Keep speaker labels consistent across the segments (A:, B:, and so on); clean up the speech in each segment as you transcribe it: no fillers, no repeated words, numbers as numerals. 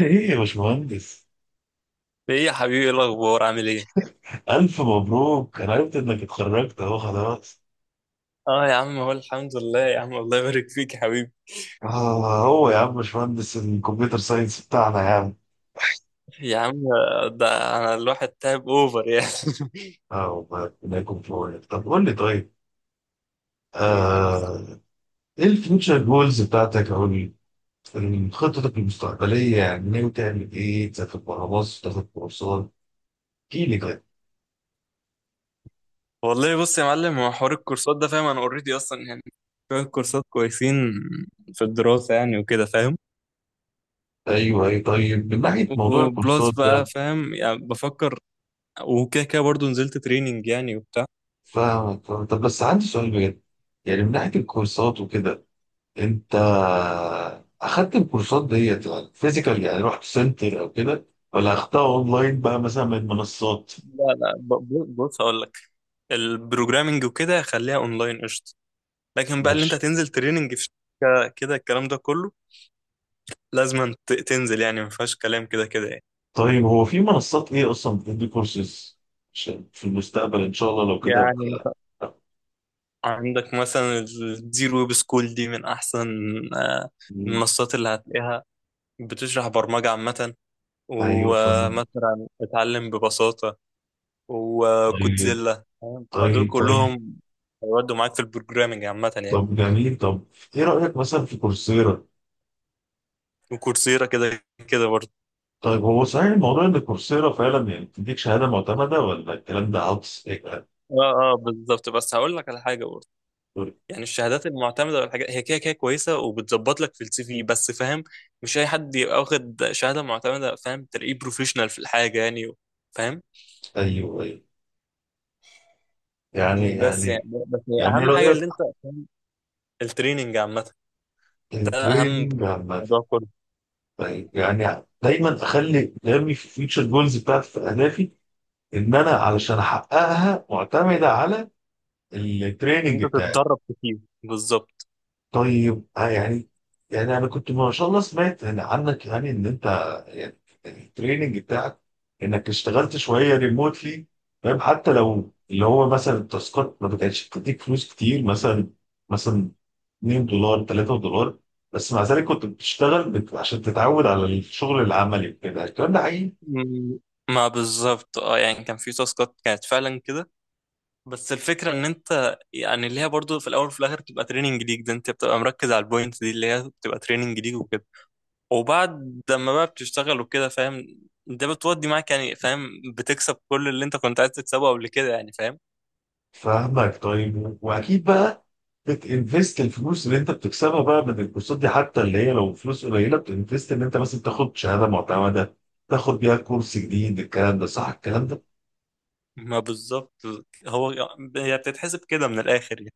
A: ايه يا باشمهندس،
B: ايه يا حبيبي، ايه الاخبار؟ عامل ايه؟
A: الف مبروك. انا عرفت انك اتخرجت اهو خلاص.
B: اه يا عم، هو الحمد لله يا عم. الله يبارك فيك يا حبيبي.
A: اه هو يا عم باشمهندس، الكمبيوتر ساينس بتاعنا يا عم.
B: يا عم ده انا الواحد تعب اوفر يعني.
A: اه والله ربنا يكون في عونك. طب قول لي طيب.
B: ايه يا حبيبي.
A: آه، ايه الفيوتشر جولز بتاعتك او خطتك المستقبلية؟ يعني ناوي تعمل ايه؟ تسافر بره مصر، تاخد كورسات؟ احكي لي طيب.
B: والله بص يا معلم، هو حوار الكورسات ده فاهم؟ انا اوريدي اصلا يعني شويه كورسات كويسين في الدراسه يعني وكده فاهم.
A: ايوه اي، طيب من ناحية موضوع
B: وبلس
A: الكورسات ده،
B: بقى فاهم، يعني بفكر وكده كده برضه نزلت تريننج يعني وبتاع.
A: فاهمك. طب بس عندي سؤال بجد، يعني من ناحية الكورسات وكده، انت اخدت الكورسات ديت يعني فيزيكال، يعني رحت سنتر او كده، ولا اخدتها اونلاين بقى مثلا من منصات؟
B: لا بص هقول لك، البروجرامنج وكده خليها اونلاين قشطه. لكن بقى اللي انت
A: ماشي.
B: هتنزل تريننج في شركه كده الكلام ده كله لازم تنزل يعني، ما فيهاش كلام كده كده يعني.
A: طيب هو في منصات ايه اصلا بتدي كورسز؟ عشان في المستقبل ان شاء الله لو كده
B: يعني مثلاً عندك مثلا الزيرو ويب سكول دي من احسن آه،
A: مم.
B: المنصات اللي هتلاقيها، بتشرح برمجة عامة،
A: ايوه فاهم.
B: ومثلا اتعلم ببساطة
A: طيب،
B: وكودزيلا فاهم؟ فدول
A: طيب طيب.
B: كلهم هيودوا معاك في البروجرامنج عامة يعني.
A: طب جميل. طب ايه رايك مثلا في كورسيرا؟
B: وكورسيرا كده كده برضه.
A: طيب هو صحيح الموضوع ان كورسيرا فعلا يعني بتديك شهاده معتمده، ولا الكلام ده عبث؟ ايوه،
B: اه بالظبط، بس هقول لك على حاجة برضه. يعني الشهادات المعتمده والحاجات هي كده كده كويسه وبتظبط لك في السي في، بس فاهم مش اي حد يبقى واخد شهاده معتمده فاهم تلاقيه بروفيشنال في الحاجه يعني، فاهم؟
A: ايوه. يعني
B: بس يعني،
A: يعني
B: بس هي
A: يعني ايه
B: اهم حاجه
A: رايك؟
B: اللي انت التريننج عامه، ده اهم
A: التريننج عامة.
B: موضوع كله،
A: طيب يعني دايما اخلي دايما في الفيوتشر جولز بتاعتي، في اهدافي، ان انا علشان احققها معتمده على
B: إن
A: التريننج
B: انت
A: بتاعي.
B: تتدرب كتير بالظبط.
A: طيب آه يعني، يعني انا كنت ما شاء الله سمعت يعني عنك يعني ان انت يعني التريننج بتاعك، انك اشتغلت شويه ريموتلي، فاهم؟ حتى لو اللي هو مثلا التاسكات ما بتاعتش بتديك فلوس كتير، مثلا $2، $3، بس مع ذلك كنت بتشتغل عشان تتعود على الشغل العملي وكده. الكلام ده حقيقي؟
B: مم. ما بالظبط، اه يعني كان في تاسكات كانت فعلا كده، بس الفكره ان انت يعني اللي هي برضو في الاول وفي الاخر بتبقى تريننج ليك. ده انت بتبقى مركز على البوينت دي اللي هي بتبقى تريننج ليك، وبعد لما بقى بتشتغل وكده فاهم، ده بتودي معاك يعني فاهم، بتكسب كل اللي انت كنت عايز تكسبه قبل كده يعني فاهم.
A: فاهمك. طيب، واكيد بقى بتنفست الفلوس اللي انت بتكسبها بقى من الكورسات دي، حتى اللي هي لو فلوس قليله بتنفست ان انت مثلا تاخد شهاده معتمده، تاخد بيها كورس جديد. الكلام ده صح الكلام ده؟
B: ما بالظبط، هو هي بتتحسب كده من الاخر يعني.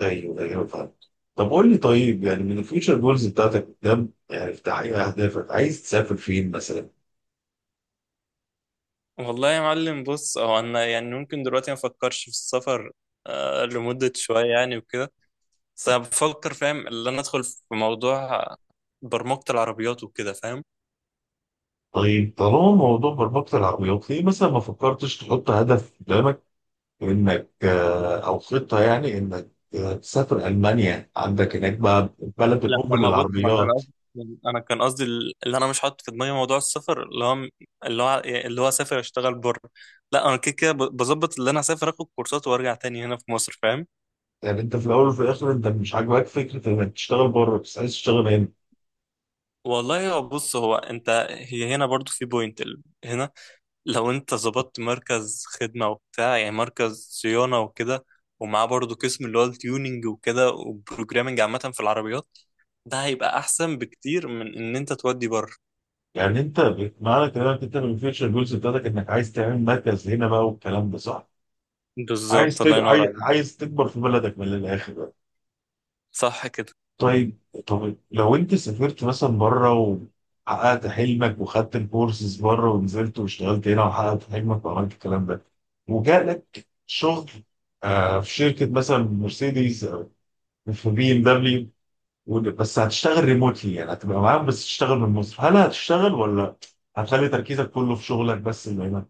A: ايوه، ايوه فاهم. طب قول لي طيب، يعني من الفيوتشر جولز بتاعتك قدام، يعني في تحقيق اهدافك، عايز تسافر فين مثلا؟
B: والله يا معلم بص، هو انا يعني ممكن دلوقتي ما افكرش في السفر لمدة شوية يعني وكده. بس انا بفكر فاهم اللي انا ادخل في موضوع برمجة العربيات وكده فاهم.
A: طيب طالما موضوع مربطة العقليات، ليه مثلا ما فكرتش تحط هدف قدامك انك او خطة يعني انك تسافر المانيا؟ عندك هناك بقى بلد
B: لا ما
A: الام
B: ما بص، ما انا
A: للعربيات.
B: انا كان قصدي اللي انا مش حاطط في دماغي موضوع السفر، اللي هو اسافر اشتغل بره. لا انا كده كده بظبط اللي انا اسافر اخد كورسات وارجع تاني هنا في مصر فاهم.
A: يعني انت في الاول وفي الاخر انت مش عاجباك فكرة انك تشتغل بره، بس عايز تشتغل هنا؟
B: والله هو بص، هو انت هي هنا برضو في بوينت هنا لو انت ظبطت مركز خدمة وبتاع يعني مركز صيانة وكده، ومعاه برضو قسم اللي هو التيوننج وكده وبروجرامنج عامة في العربيات، ده هيبقى احسن بكتير من ان انت تودي بره.
A: يعني انت معنى كلامك، انت من الفيوتشر جولز بتاعتك انك عايز تعمل مركز هنا بقى، والكلام ده صح؟
B: بالظبط، الله ينور عليك.
A: عايز تكبر في بلدك من الاخر.
B: صح كده.
A: طيب، طب لو انت سافرت مثلا بره وحققت حلمك وخدت الكورسز بره، ونزلت واشتغلت هنا وحققت حلمك وعملت الكلام ده، وجالك شغل آه في شركه مثلا مرسيدس او في بي ام دبليو، بس هتشتغل ريموتلي، يعني هتبقى معاهم بس تشتغل من مصر، هل هتشتغل ولا هتخلي تركيزك كله في شغلك بس اللي هنا؟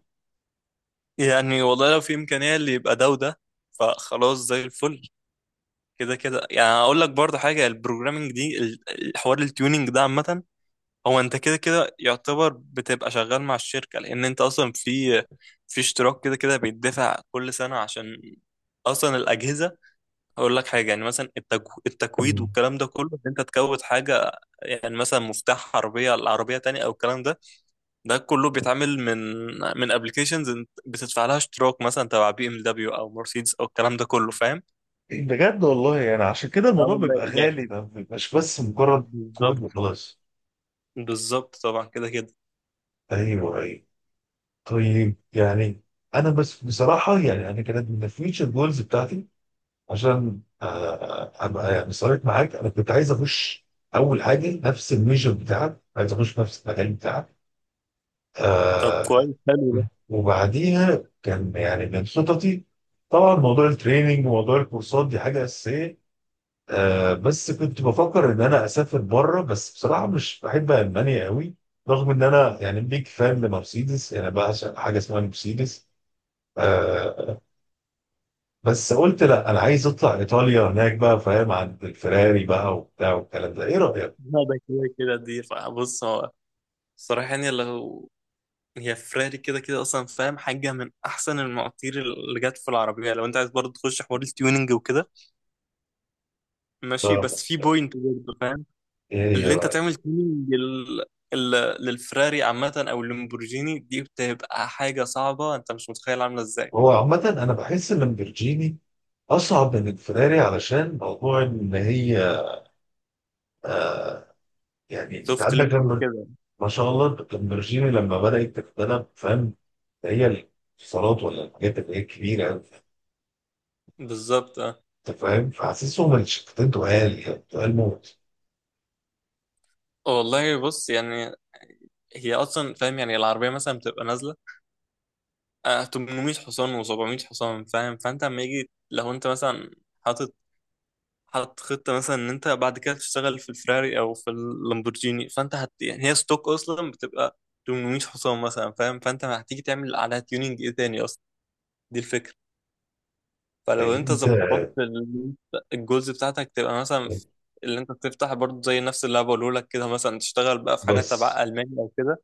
B: يعني والله لو في إمكانية اللي يبقى ده وده، فخلاص زي الفل. كده كده يعني أقول لك برضه حاجة، البروجرامينج دي الحوار التيونينج ده عامة، هو أنت كده كده يعتبر بتبقى شغال مع الشركة، لأن أنت أصلا في في اشتراك كده كده بيدفع كل سنة عشان أصلا الأجهزة. هقول لك حاجة، يعني مثلا التكويد
A: مم.
B: والكلام ده كله إن أنت تكود حاجة، يعني مثلا مفتاح عربية على عربية تانية أو الكلام ده، ده كله بيتعمل من من ابلكيشنز بتدفع لها اشتراك مثلا تبع بي ام دبليو او مرسيدس او الكلام ده كله فاهم.
A: بجد والله، يعني عشان كده
B: اه
A: الموضوع
B: والله
A: بيبقى
B: يعني
A: غالي، ما بيبقاش بس مجرد
B: بالظبط.
A: كود وخلاص.
B: بالظبط طبعا كده كده.
A: ايوه، ايوه. طيب يعني، انا بس بصراحه، يعني انا كانت من الفيوتشر جولز بتاعتي، عشان ابقى يعني صريح معاك، انا كنت عايز اخش اول حاجه نفس الميجر بتاعك، عايز اخش نفس المجال بتاعك.
B: طب
A: آه.
B: كويس، حلو ده.
A: وبعديها كان يعني من خططي طبعا موضوع التريننج وموضوع الكورسات دي حاجه اساسيه. آه بس كنت بفكر ان انا اسافر بره، بس بصراحه مش بحب المانيا قوي، رغم ان انا يعني بيك فان لمرسيدس، يعني بعشق حاجه اسمها مرسيدس. آه، بس قلت لا، انا عايز اطلع ايطاليا هناك بقى، فاهم؟ عند الفراري بقى وبتاع والكلام ده، ايه رايك؟
B: لا ده كده كده دي بص، هو الصراحة يعني، لو هي فراري كده كده اصلا فاهم حاجة من احسن المواتير اللي جت في العربية، لو انت عايز برضه تخش حوار التيوننج وكده ماشي،
A: ف-
B: بس في بوينت برضه.
A: ايه هي
B: اللي انت
A: بقى؟
B: تعمل تيمينج لل... للفراري عامة او اللامبورجيني دي بتبقى حاجة صعبة، انت مش متخيل عاملة ازاي.
A: هو عامة انا بحس ان البرجيني اصعب من الفراري، علشان موضوع ان هي، يعني انت
B: سوفت
A: عندك
B: ليميت
A: لما،
B: وكده،
A: ما شاء الله، اللامبرجيني لما بدات تتبنى، فاهم؟ هي الاتصالات ولا الحاجات اللي هي الكبيره أوي،
B: بالظبط اه.
A: انت فاهم؟ فحاسسهم الشفتين تقال، يعني تقال موت.
B: أه والله بص يعني هي اصلا فاهم، يعني العربية مثلا بتبقى نازلة 800 حصان و700 حصان فاهم. فانت اما يجي لو انت مثلا حاطط حاطط خطة مثلا ان انت بعد كده تشتغل في الفراري او في اللامبورجيني، فانت هت يعني، هي ستوك اصلا بتبقى 800 حصان مثلا فاهم، فانت هتيجي تعمل عليها تيوننج ايه تاني اصلا؟ دي الفكرة. فلو
A: طيب
B: انت
A: انت،
B: ظبطت الجزء بتاعتك تبقى مثلا اللي انت بتفتح برضه زي نفس اللي انا بقوله لك كده، مثلا تشتغل بقى في حاجه
A: بس
B: تبع المانيا او كده،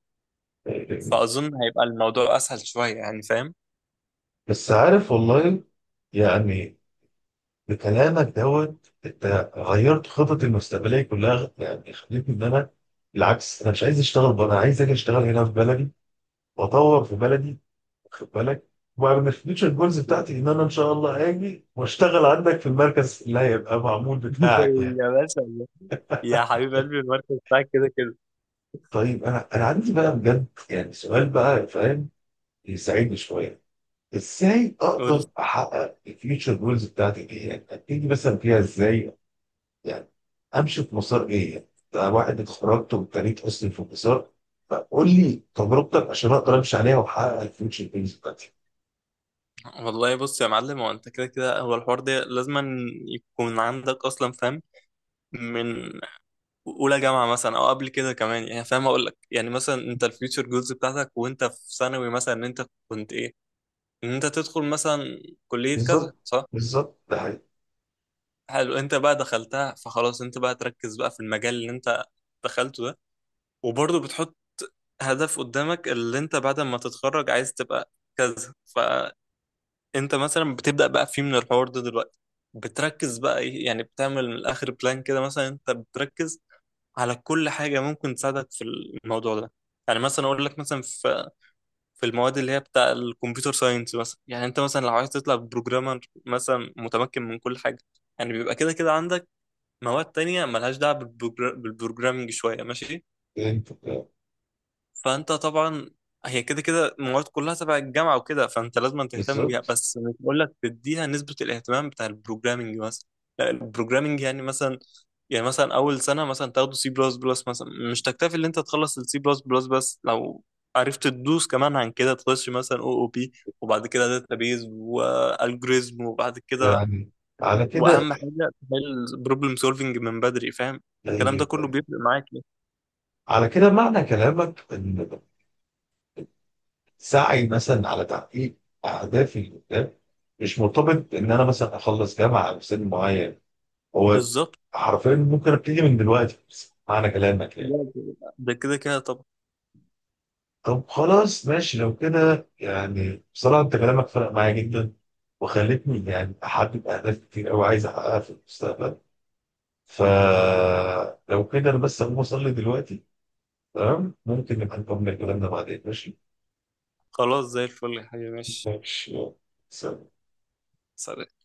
B: فاظن هيبقى الموضوع اسهل شويه يعني فاهم.
A: بس عارف والله، يعني بكلامك دوت انت غيرت خططي المستقبليه كلها، يعني خليتني ان انا بالعكس انا مش عايز اشتغل بره، انا عايز اجي اشتغل هنا في بلدي، واطور في بلدي، واخد بالك؟ ومن الفيوتشر جولز بتاعتي ان انا ان شاء الله هاجي واشتغل عندك في المركز اللي هيبقى معمول بتاعك يعني.
B: يا باشا، يا حبيب قلبي، المركز بتاعك كده كده.
A: طيب انا عندي بقى بجد، يعني سؤال بقى فاهم، يساعدني شويه. ازاي
B: قول.
A: اقدر احقق الفيوتشر جولز بتاعتي دي؟ يعني ابتدي مثلا فيها ازاي؟ يعني امشي في مسار ايه يعني؟ ده واحد اتخرجت وابتديت اصلا في مسار، فقول لي تجربتك عشان اقدر امشي عليها واحقق الفيوتشر بيز بتاعتي.
B: والله بص يا معلم، هو انت كده كده هو الحوار ده لازم يكون عندك اصلا فاهم من اولى جامعه مثلا او قبل كده كمان يعني فاهم. اقول لك يعني مثلا انت الفيوتشر جولز بتاعتك وانت في ثانوي مثلا ان انت كنت ايه، ان انت تدخل مثلا كلية
A: بالظبط،
B: كذا صح.
A: بالظبط ده حقيقي.
B: حلو، انت بقى دخلتها فخلاص انت بقى تركز بقى في المجال اللي انت دخلته ده. وبرضه بتحط هدف قدامك اللي انت بعد ما تتخرج عايز تبقى كذا، فانت مثلا بتبدأ بقى فيه من الحوار ده دلوقتي، بتركز بقى ايه، يعني بتعمل من الاخر بلان كده. مثلا انت بتركز على كل حاجة ممكن تساعدك في الموضوع ده. يعني مثلا اقول لك، مثلا في في المواد اللي هي بتاع الكمبيوتر ساينس مثلا، يعني انت مثلا لو عايز تطلع بروجرامر مثلا متمكن من كل حاجه، يعني بيبقى كده كده عندك مواد تانية ملهاش دعوه بالبروجرامنج شويه ماشي.
A: انت
B: فانت طبعا هي كده كده المواد كلها تبع الجامعه وكده فانت لازم تهتم بيها،
A: بالظبط.
B: بس مش بقول لك تديها نسبه الاهتمام بتاع البروجرامنج مثلا. لا، البروجرامنج يعني مثلا، يعني مثلا اول سنه مثلا تاخده سي بلس بلس مثلا، مش تكتفي ان انت تخلص السي بلس بلس بس، لو عرفت تدوس كمان عن كده تخش مثلا او بي، وبعد كده داتابيز والجوريزم، وبعد كده
A: يعني على كده،
B: واهم حاجه تحل بروبلم سولفنج من بدري فاهم. الكلام ده
A: طيب،
B: كله بيفرق معاك يعني.
A: على كده معنى كلامك ان سعي مثلا على تحقيق اهدافي اللي قدام مش مرتبط ان انا مثلا اخلص جامعه او سن معين؟ هو
B: بالظبط،
A: حرفيا ممكن ابتدي من دلوقتي؟ معنى كلامك يعني.
B: ده كده كده طبعا.
A: طب خلاص ماشي. لو كده يعني بصراحة أنت كلامك فرق معايا جدا، وخلتني يعني أحدد أهداف كتير أوي عايز أحققها في المستقبل. فلو كده أنا بس هقوم أصلي دلوقتي. تمام؟ ممكن نبقى نكمل كلامنا بعدين، ماشي؟
B: خلاص زي الفل يا حبيبي، ماشي.
A: ماشي يلا. سلام.
B: سلام.